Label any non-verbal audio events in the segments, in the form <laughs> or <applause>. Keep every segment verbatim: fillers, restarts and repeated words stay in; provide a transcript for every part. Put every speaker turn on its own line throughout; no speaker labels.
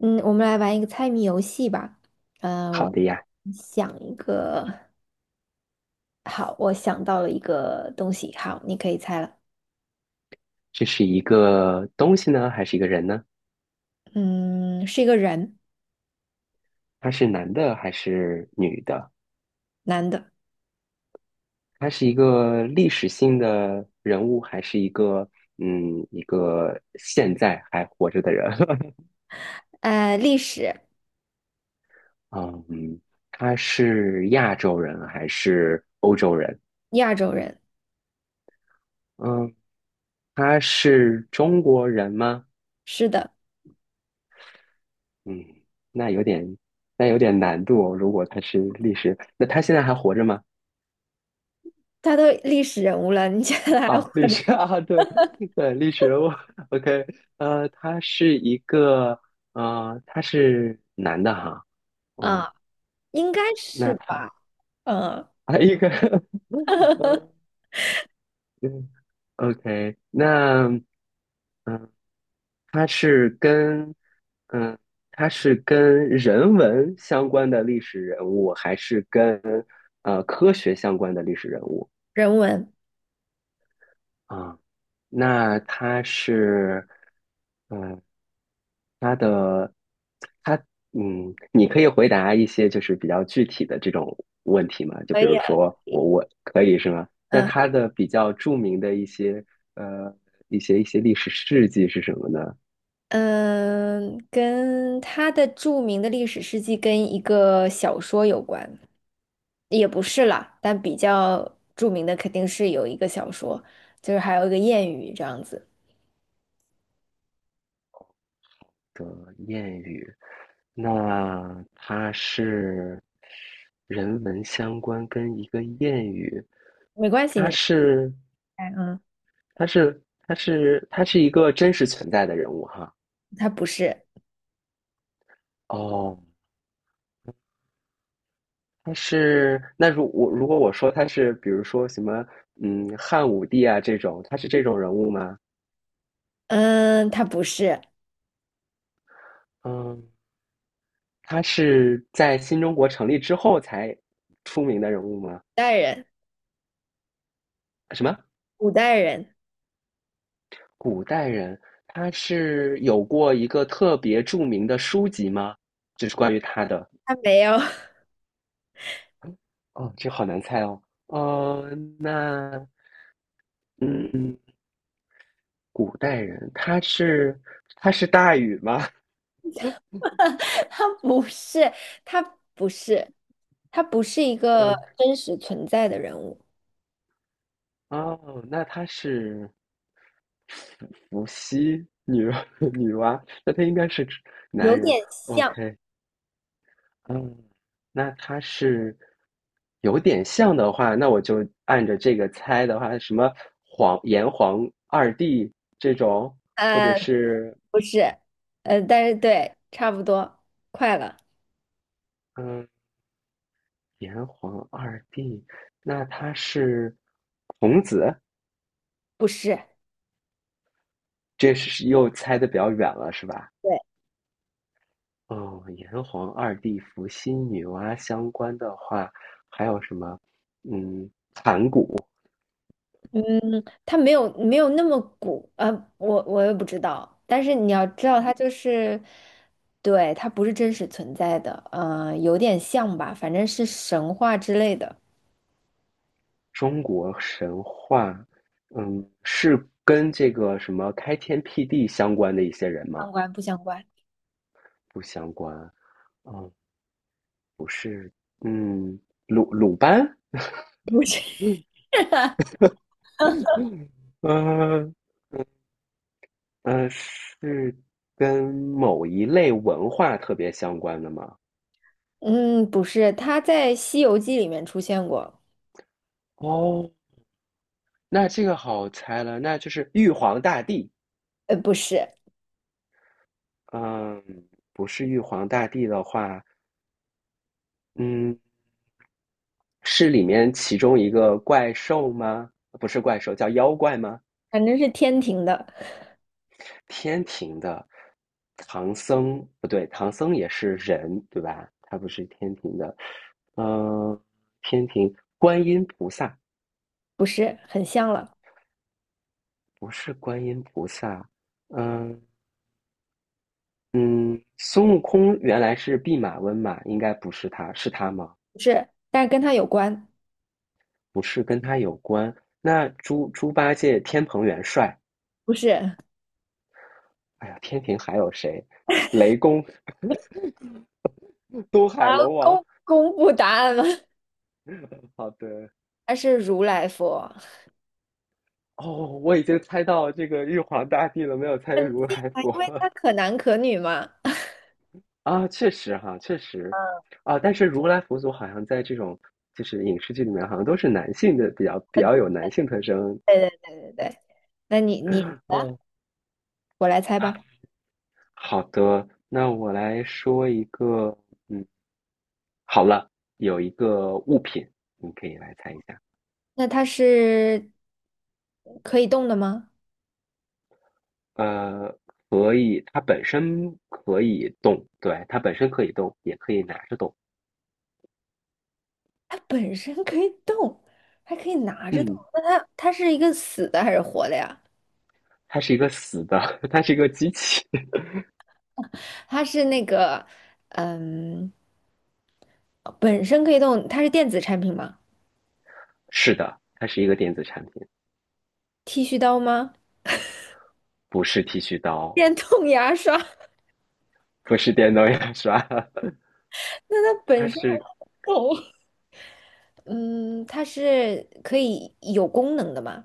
嗯，我们来玩一个猜谜游戏吧。嗯，
好
我
的呀。
想一个，好，我想到了一个东西，好，你可以猜了。
这是一个东西呢，还是一个人呢？
嗯，是一个人，
他是男的还是女的？
男的，
他是一个历史性的人物，还是一个嗯一个现在还活着的人？<laughs>
呃，历史，
嗯，他是亚洲人还是欧洲人？
亚洲人，
嗯，他是中国人吗？
是的，
嗯，那有点那有点难度哦。如果他是历史，那他现在还活着吗？
他都历史人物了，你觉得还活
啊，
着
历史 <laughs>
吗？
啊，对对，历史人物，OK，呃，他是一个，呃，他是男的哈。哦，
啊，应该
那
是
他
吧？嗯，
啊，一个，<laughs> 呃，嗯，OK，那嗯、呃他是跟，嗯、他是跟人文相关的历史人物，还是跟呃科学相关的历史人物？
人文
啊，那它是，嗯，它的，它，嗯，你可以回答一些就是比较具体的这种问题吗？就
可
比
以
如
啊，
说
可
我
以
我可以是吗？那
嗯
它的比较著名的一些呃一些一些历史事迹是什么呢？
嗯，跟他的著名的历史事迹跟一个小说有关。也不是啦，但比较著名的肯定是有一个小说，就是还有一个谚语这样子。
的谚语，那它是人文相关跟一个谚语，
没关系，
它
你
是。
猜嗯，
他是他是他是一个真实存在的人物哈。
他不是，
哦，他是那如我如果我说他是，比如说什么嗯汉武帝啊这种，他是这种人物吗？
嗯，他不是
嗯，他是在新中国成立之后才出名的人物吗？
代人，
什么
古代人，
古代人？他是有过一个特别著名的书籍吗？就是关于他的。
他没有，
哦，这好难猜哦。哦，那嗯，古代人，他是他是大禹吗？
<laughs> 他不是，他不是，他不是一个
呃，
真实存在的人物，
哦，那他是伏羲女 <laughs> 女娲，那他应该是男
有
人。
点像，
OK，嗯，那他是有点像的话，那我就按着这个猜的话，什么黄炎黄二帝这种，或者
呃，
是
不是，呃，但是对，差不多，快了，
嗯炎黄二帝，那他是孔子，
不是，
这是又猜的比较远了，是吧？
对，
哦，炎黄二帝伏羲、女娲相关的话，还有什么？嗯，
嗯，它没有没有那么古呃，我我也不知道。但是你要知道，它就是，对，它不是真实存在的，呃，有点像吧，反正是神话之类的。
中国神话，嗯，是跟这个什么开天辟地相关的一些人吗？
相关不相关？
不相关。嗯，不是。嗯，鲁鲁班。
不是，
嗯嗯呃呃，是跟某一类文化特别相关的吗？
<laughs> 嗯，不是，它在《西游记》里面出现过，
哦，那这个好猜了，那就是玉皇大帝。
呃，不是，
嗯，不是玉皇大帝的话，嗯，是里面其中一个怪兽吗？不是怪兽，叫妖怪吗？
反正是天庭的，
天庭的唐僧，不对，唐僧也是人，对吧？他不是天庭的。嗯，天庭观音菩萨
不是，很像了，
不是观音菩萨，嗯嗯，孙悟空原来是弼马温嘛，应该不是他，是他吗？
不是，但是跟它有关，
不是跟他有关。那猪猪八戒天蓬元帅。
不是。
哎呀，天庭还有谁？雷公、<laughs> 东
啊，
海龙王。
公公布答案了，
好的，
<laughs> 它是如来佛，
哦，我已经猜到这个玉皇大帝了，没有猜
很
如
近
来
啊，
佛
因为它可男可女嘛。
<laughs> 啊。确实哈，确实啊，但是如来佛祖好像在这种就是影视剧里面，好像都是男性的，比较比
嗯，
较有男性特征。
对对对对对，那你你啊
嗯，
我来猜
啊，
吧。
好的，那我来说一个，嗯，好了，有一个物品，你可以来猜一下。
那它是可以动的吗？
呃，可以，它本身可以动，对，它本身可以动，也可以拿着动。
它本身可以动，还可以拿着动。
嗯，
那它它是一个死的还是活的呀？
它是一个死的，<laughs> 它是一个机器。
它是那个嗯，本身可以动，它是电子产品吗？
<laughs> 是的，它是一个电子产品。
剃须刀吗？
不是剃须刀，
电动牙刷？<laughs>
不是电动牙刷，<laughs>
那它本
它
身还可
是，
以动，嗯，它是可以有功能的吗？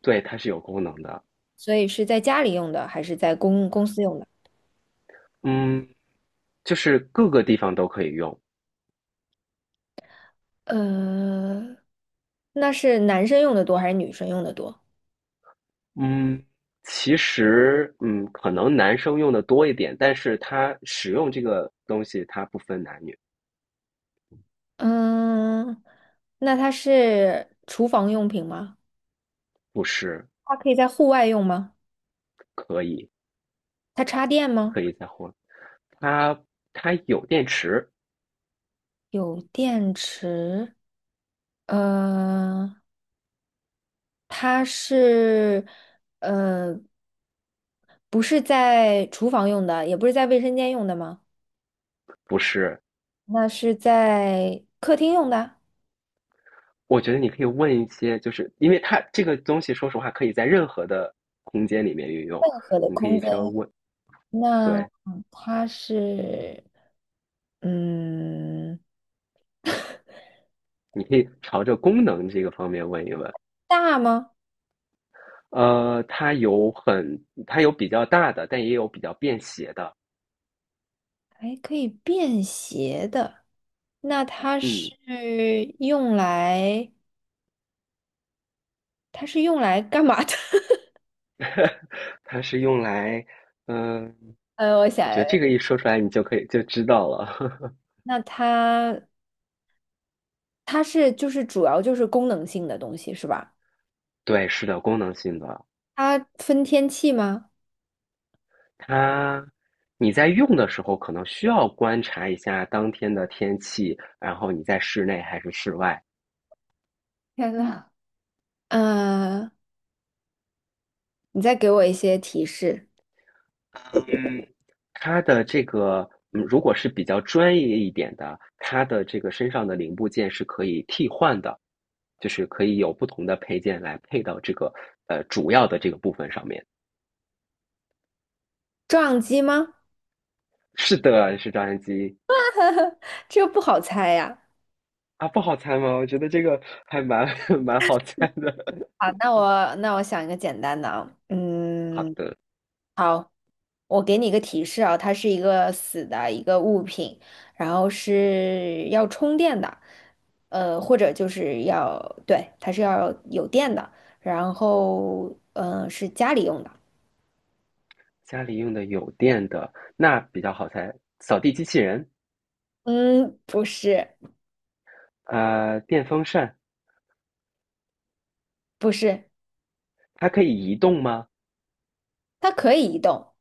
对，它是有功能的。
所以是在家里用的还是在公公司用的？
嗯，就是各个地方都可以用。
呃，那是男生用的多还是女生用的多？
嗯，其实，嗯，可能男生用的多一点，但是它使用这个东西，它不分男女。
嗯，那它是厨房用品吗？
不是
它可以在户外用吗？
可以
它插电
可
吗？
以再换。它它有电池。
有电池。呃，它是，呃，不是在厨房用的，也不是在卫生间用的吗？
不是？
那是在客厅用的，
我觉得你可以问一些，就是因为它这个东西，说实话，可以在任何的空间里面运用。
任何的
你可
空
以稍微
间。
问，
那
对，
它是，嗯，
你可以朝着功能这个方面问一问。
大吗？
呃，它有很，它有比较大的，但也有比较便携的。
哎，可以便携的，那它
嗯，
是用来，它是用来干嘛的？<laughs>
它是用来，嗯、
呃，我想，
我觉得这个一说出来，你就可以就知道了。<laughs>
那它它是就是主要就是功能性的东西是吧？
对，是的，功能性的。
它分天气吗？
它，你在用的时候可能需要观察一下当天的天气，然后你在室内还是室外。
天呐，呃，你再给我一些提示，
它的这个，嗯，如果是比较专业一点的，它的这个身上的零部件是可以替换的，就是可以有不同的配件来配到这个呃主要的这个部分上面。
撞击吗？
是的，是照相机。
这个不好猜呀。
啊，不好猜吗？我觉得这个还蛮 <laughs> 蛮好猜的。<laughs>
好，那我那我想一个简单的啊，
好
嗯，
的，
好。我给你一个提示啊，它是一个死的一个物品，然后是要充电的，呃，或者就是要，对，它是要有电的，然后嗯、呃是家里用的，
家里用的有电的，那比较好猜，扫地机器人。
嗯，不是，
呃，电风扇
不是，
它可以移动吗
它可以移动，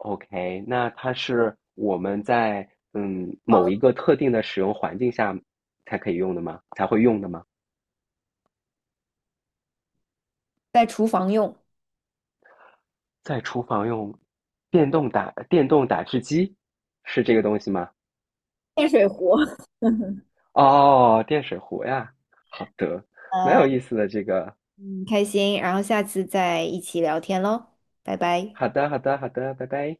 ？OK，那它是我们在嗯某一
房
个特定的使用环境下才可以用的吗？才会用的吗？
在厨房用，
在厨房用电动打电动打汁机是这个东西吗？
电水壶。<laughs>
哦，电水壶呀，好的，蛮
呃，
有意思的这个。
很开心，然后下次再一起聊天喽，拜拜。
好的，好的，好的，拜拜。